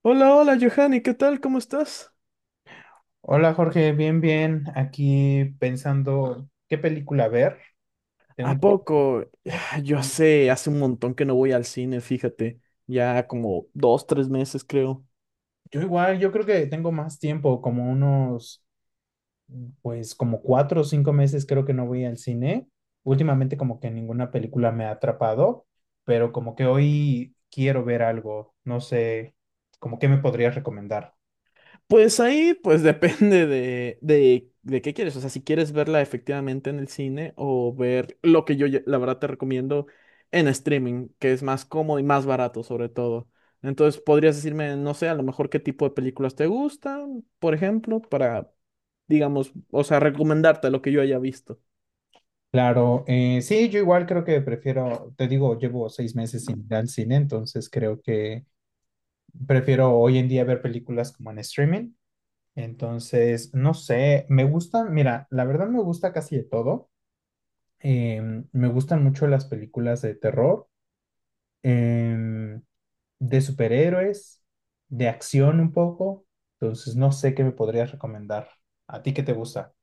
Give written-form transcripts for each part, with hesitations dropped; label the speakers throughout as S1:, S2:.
S1: Hola, hola, Johanny, ¿qué tal? ¿Cómo estás?
S2: Hola Jorge, bien, bien. Aquí pensando qué película ver. Tengo
S1: ¿A
S2: un poquito.
S1: poco?
S2: de-
S1: Ah, yo sé, hace un montón que no voy al cine, fíjate, ya como 2, 3 meses creo.
S2: Yo igual, yo creo que tengo más tiempo, como unos, pues como 4 o 5 meses creo que no voy al cine. Últimamente como que ninguna película me ha atrapado, pero como que hoy quiero ver algo. No sé, como qué me podrías recomendar.
S1: Pues ahí, pues depende de qué quieres, o sea, si quieres verla efectivamente en el cine o ver lo que la verdad te recomiendo en streaming, que es más cómodo y más barato sobre todo. Entonces, podrías decirme, no sé, a lo mejor qué tipo de películas te gustan, por ejemplo, para, digamos, o sea, recomendarte lo que yo haya visto.
S2: Claro, sí, yo igual creo que prefiero, te digo, llevo 6 meses sin ir al cine, entonces creo que prefiero hoy en día ver películas como en streaming. Entonces, no sé, me gustan, mira, la verdad me gusta casi de todo. Me gustan mucho las películas de terror, em, de superhéroes, de acción un poco. Entonces, no sé qué me podrías recomendar. ¿A ti qué te gusta?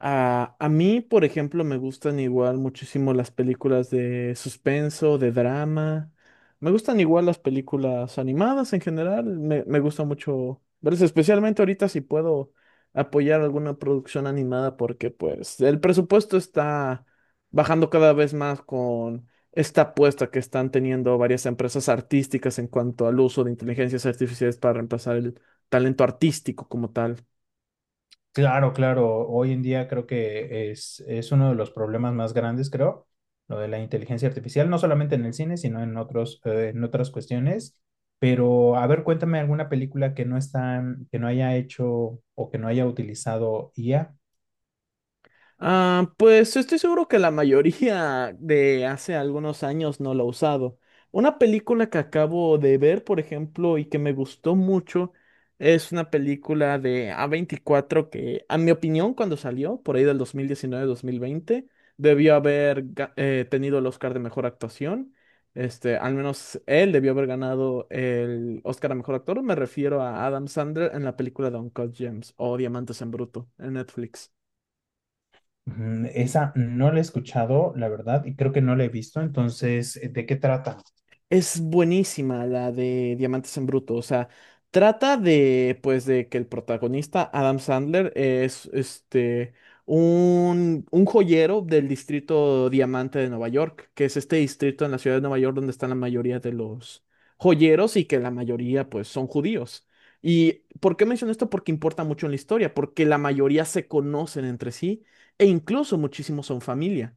S1: A mí, por ejemplo, me gustan igual muchísimo las películas de suspenso, de drama. Me gustan igual las películas animadas en general. Me gusta mucho verlas, especialmente ahorita si puedo apoyar alguna producción animada porque pues el presupuesto está bajando cada vez más con esta apuesta que están teniendo varias empresas artísticas en cuanto al uso de inteligencias artificiales para reemplazar el talento artístico como tal.
S2: Claro, claro. Hoy en día creo que es uno de los problemas más grandes, creo, lo de la inteligencia artificial, no solamente en el cine, sino en otros, en otras cuestiones. Pero, a ver, cuéntame alguna película que no está, que no haya hecho o que no haya utilizado IA.
S1: Ah, pues estoy seguro que la mayoría de hace algunos años no lo ha usado. Una película que acabo de ver, por ejemplo, y que me gustó mucho, es una película de A24 que, a mi opinión, cuando salió, por ahí del 2019 mil veinte, debió haber tenido el Oscar de Mejor Actuación. Este, al menos él debió haber ganado el Oscar a Mejor Actor. Me refiero a Adam Sandler en la película de Uncut Gems o Diamantes en Bruto en Netflix.
S2: Mm, esa no la he escuchado, la verdad, y creo que no la he visto. Entonces, ¿de qué trata?
S1: Es buenísima la de Diamantes en Bruto, o sea, trata de, pues, de que el protagonista, Adam Sandler, es, este, un joyero del distrito Diamante de Nueva York, que es este distrito en la ciudad de Nueva York donde están la mayoría de los joyeros y que la mayoría, pues, son judíos. ¿Y por qué menciono esto? Porque importa mucho en la historia, porque la mayoría se conocen entre sí e incluso muchísimos son familia.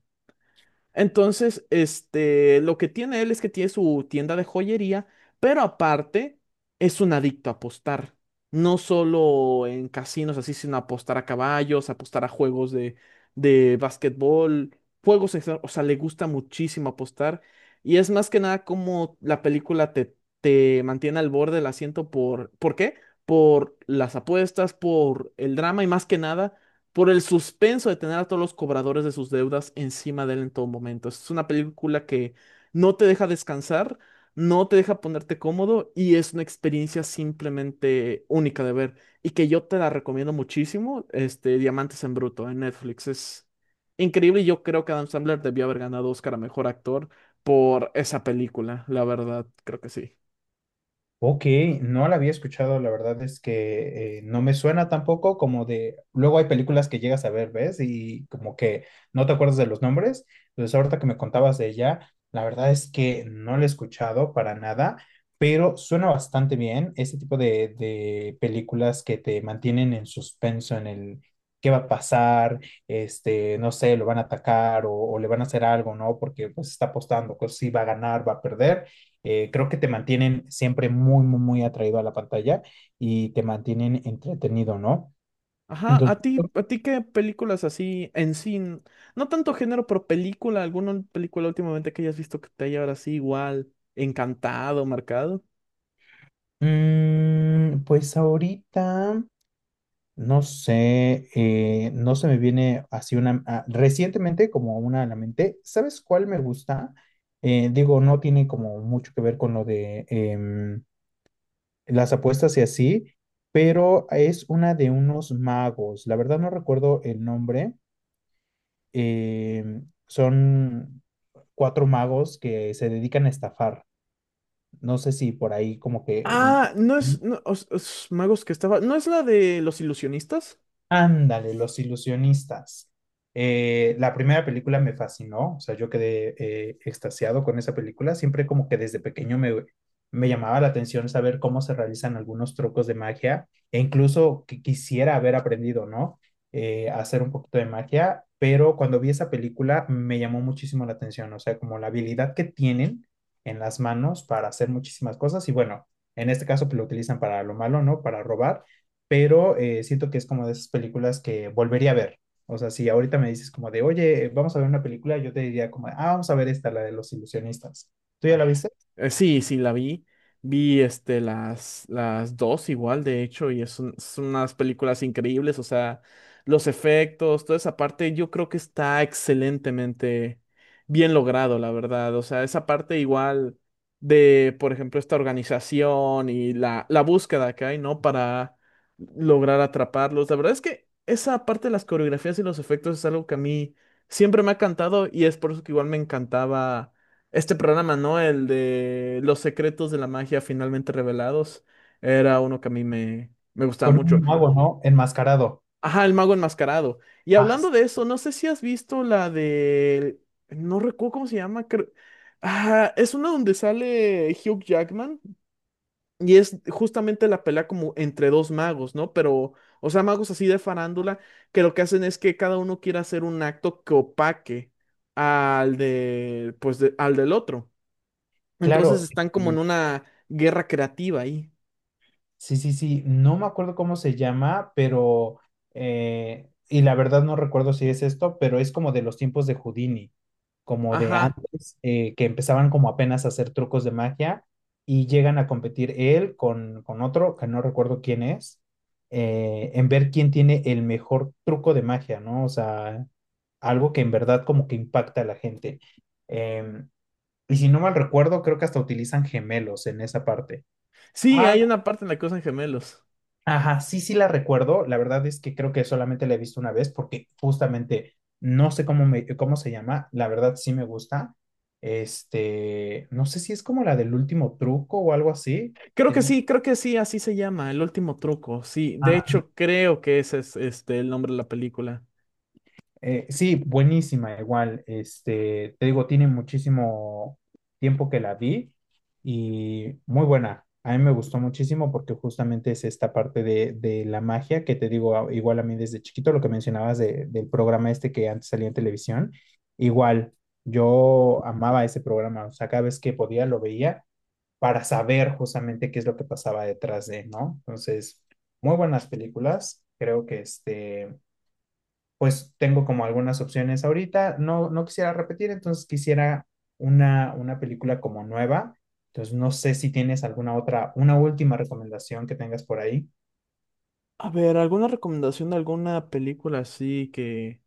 S1: Entonces, este, lo que tiene él es que tiene su tienda de joyería, pero aparte es un adicto a apostar. No solo en casinos así, sino apostar a caballos, apostar a juegos de básquetbol, juegos, en general, o sea, le gusta muchísimo apostar. Y es más que nada como la película te mantiene al borde del asiento ¿por qué? Por las apuestas, por el drama y más que nada por el suspenso de tener a todos los cobradores de sus deudas encima de él en todo momento. Es una película que no te deja descansar, no te deja ponerte cómodo y es una experiencia simplemente única de ver y que yo te la recomiendo muchísimo, este Diamantes en Bruto en Netflix. Es increíble y yo creo que Adam Sandler debió haber ganado Oscar a Mejor Actor por esa película, la verdad, creo que sí.
S2: Ok, no la había escuchado, la verdad es que no me suena tampoco como de, luego hay películas que llegas a ver, ¿ves? Y como que no te acuerdas de los nombres, entonces ahorita que me contabas de ella, la verdad es que no la he escuchado para nada, pero suena bastante bien este tipo de películas que te mantienen en suspenso, en el qué va a pasar, este, no sé, lo van a atacar o le van a hacer algo, ¿no? Porque pues está apostando, pues sí va a ganar, va a perder, creo que te mantienen siempre muy, muy, muy atraído a la pantalla y te mantienen entretenido, ¿no?
S1: Ajá,
S2: Entonces,
S1: a ti qué películas así en sí, no tanto género, pero película, alguna película últimamente que hayas visto que te haya ahora sí igual encantado, marcado?
S2: pues ahorita, no sé, no se me viene así una, recientemente como una a la mente, ¿sabes cuál me gusta? Digo, no tiene como mucho que ver con lo de las apuestas y así, pero es una de unos magos, la verdad no recuerdo el nombre, eh, son cuatro magos que se dedican a estafar. No sé si por ahí como que.
S1: Ah, no es, no, magos que estaba, ¿no es la de los ilusionistas?
S2: Ándale, Los Ilusionistas. La primera película me fascinó, o sea, yo quedé, extasiado con esa película. Siempre como que desde pequeño me llamaba la atención saber cómo se realizan algunos trucos de magia e incluso que quisiera haber aprendido, ¿no? A hacer un poquito de magia, pero cuando vi esa película me llamó muchísimo la atención, o sea, como la habilidad que tienen en las manos para hacer muchísimas cosas y bueno, en este caso pues, lo utilizan para lo malo, ¿no? Para robar, pero siento que es como de esas películas que volvería a ver. O sea, si ahorita me dices como de, oye, vamos a ver una película, yo te diría como, ah, vamos a ver esta, la de los ilusionistas. ¿Tú ya la viste?
S1: Eh, Sí, sí, la vi. Vi este, las dos igual, de hecho, y son unas películas increíbles, o sea, los efectos, toda esa parte, yo creo que está excelentemente bien logrado, la verdad. O sea, esa parte igual de, por ejemplo, esta organización y la búsqueda que hay, ¿no? Para lograr atraparlos. La verdad es que esa parte de las coreografías y los efectos es algo que a mí siempre me ha encantado y es por eso que igual me encantaba. Este programa, ¿no? El de Los secretos de la magia finalmente revelados. Era uno que a mí me gustaba
S2: Con
S1: mucho.
S2: un mago, ¿no? Enmascarado.
S1: Ajá, el mago enmascarado. Y
S2: Ah, s-
S1: hablando de eso, no sé si has visto la de. No recuerdo cómo se llama. Ah, es una donde sale Hugh Jackman y es justamente la pelea como entre dos magos, ¿no? Pero, o sea, magos así de farándula que lo que hacen es que cada uno quiere hacer un acto que opaque al de, pues, al del otro. Entonces
S2: claro.
S1: están como
S2: eh,
S1: en una guerra creativa ahí.
S2: Sí, sí, sí. No me acuerdo cómo se llama, pero, y la verdad no recuerdo si es esto, pero es como de los tiempos de Houdini, como de
S1: Ajá.
S2: antes, que empezaban como apenas a hacer trucos de magia y llegan a competir él con otro, que no recuerdo quién es, en ver quién tiene el mejor truco de magia, ¿no? O sea, algo que en verdad como que impacta a la gente. Em, y si no mal recuerdo, creo que hasta utilizan gemelos en esa parte.
S1: Sí, hay una parte en la que usan gemelos.
S2: Ajá, sí, sí la recuerdo. La verdad es que creo que solamente la he visto una vez porque justamente no sé cómo se llama. La verdad sí me gusta. Este, no sé si es como la del último truco o algo así. Tengo-
S1: Creo que sí, así se llama, El último truco. Sí, de hecho creo que ese es este el nombre de la película.
S2: Sí, buenísima, igual. Este, te digo, tiene muchísimo tiempo que la vi y muy buena. A mí me gustó muchísimo porque justamente es esta parte de la magia que te digo, igual a mí desde chiquito, lo que mencionabas del programa este que antes salía en televisión, igual yo amaba ese programa, o sea, cada vez que podía lo veía para saber justamente qué es lo que pasaba detrás de, ¿no? Entonces, muy buenas películas, creo que este pues tengo como algunas opciones ahorita. No, no quisiera repetir, entonces quisiera una película como nueva. Entonces no sé si tienes alguna otra, una última recomendación que tengas por ahí.
S1: A ver, ¿alguna recomendación de alguna película así que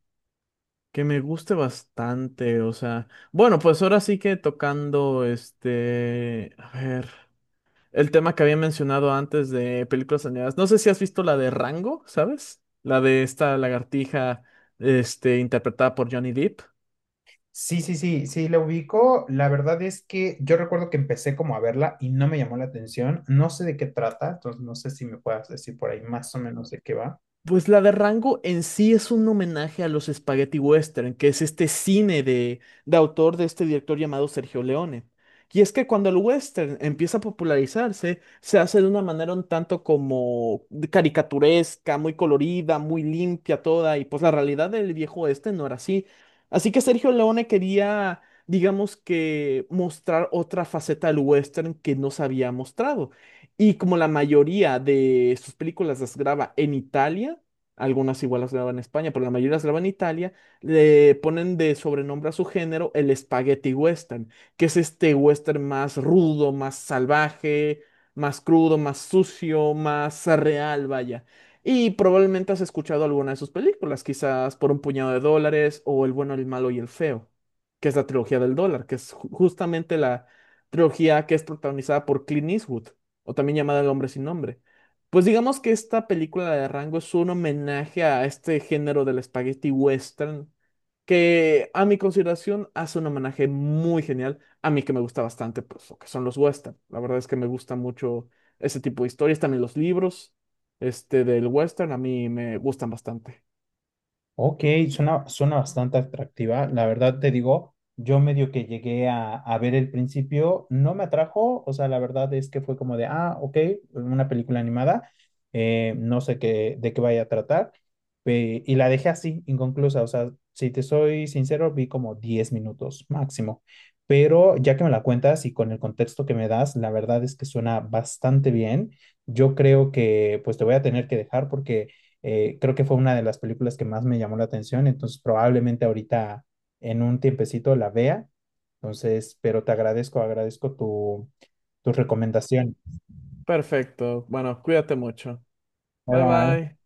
S1: que me guste bastante? O sea, bueno, pues ahora sí que tocando este, a ver. El tema que había mencionado antes de películas animadas. No sé si has visto la de Rango, ¿sabes? La de esta lagartija, este, interpretada por Johnny Depp.
S2: Sí, sí, sí, sí, la ubico. La verdad es que yo recuerdo que empecé como a verla y no me llamó la atención. No sé de qué trata, entonces no sé si me puedas decir por ahí más o menos de qué va.
S1: Pues la de Rango en sí es un homenaje a los spaghetti western, que es este cine de autor de este director llamado Sergio Leone. Y es que cuando el western empieza a popularizarse, se hace de una manera un tanto como de caricaturesca, muy colorida, muy limpia toda, y pues la realidad del viejo oeste no era así. Así que Sergio Leone quería, digamos que, mostrar otra faceta del western que no se había mostrado. Y como la mayoría de sus películas las graba en Italia, algunas igual las graba en España, pero la mayoría las graba en Italia, le ponen de sobrenombre a su género el Spaghetti Western, que es este western más rudo, más salvaje, más crudo, más sucio, más real, vaya. Y probablemente has escuchado alguna de sus películas, quizás Por un puñado de dólares o El bueno, el malo y el feo, que es la trilogía del dólar, que es justamente la trilogía que es protagonizada por Clint Eastwood o también llamada El hombre sin nombre. Pues digamos que esta película de Rango es un homenaje a este género del spaghetti western, que a mi consideración hace un homenaje muy genial, a mí que me gusta bastante, pues lo que son los western. La verdad es que me gusta mucho ese tipo de historias, también los libros, este del western, a mí me gustan bastante.
S2: Ok, suena, suena bastante atractiva. La verdad te digo, yo medio que llegué a ver el principio, no me atrajo, o sea, la verdad es que fue como de, ah, ok, una película animada, no sé qué, de qué vaya a tratar, y la dejé así, inconclusa, o sea, si te soy sincero, vi como 10 minutos máximo, pero ya que me la cuentas y con el contexto que me das, la verdad es que suena bastante bien. Yo creo que pues te voy a tener que dejar porque... creo que fue una de las películas que más me llamó la atención, entonces probablemente ahorita en un tiempecito la vea. Entonces, pero te agradezco, agradezco tu recomendación.
S1: Perfecto, bueno, cuídate mucho.
S2: Bye,
S1: Bye
S2: bye.
S1: bye.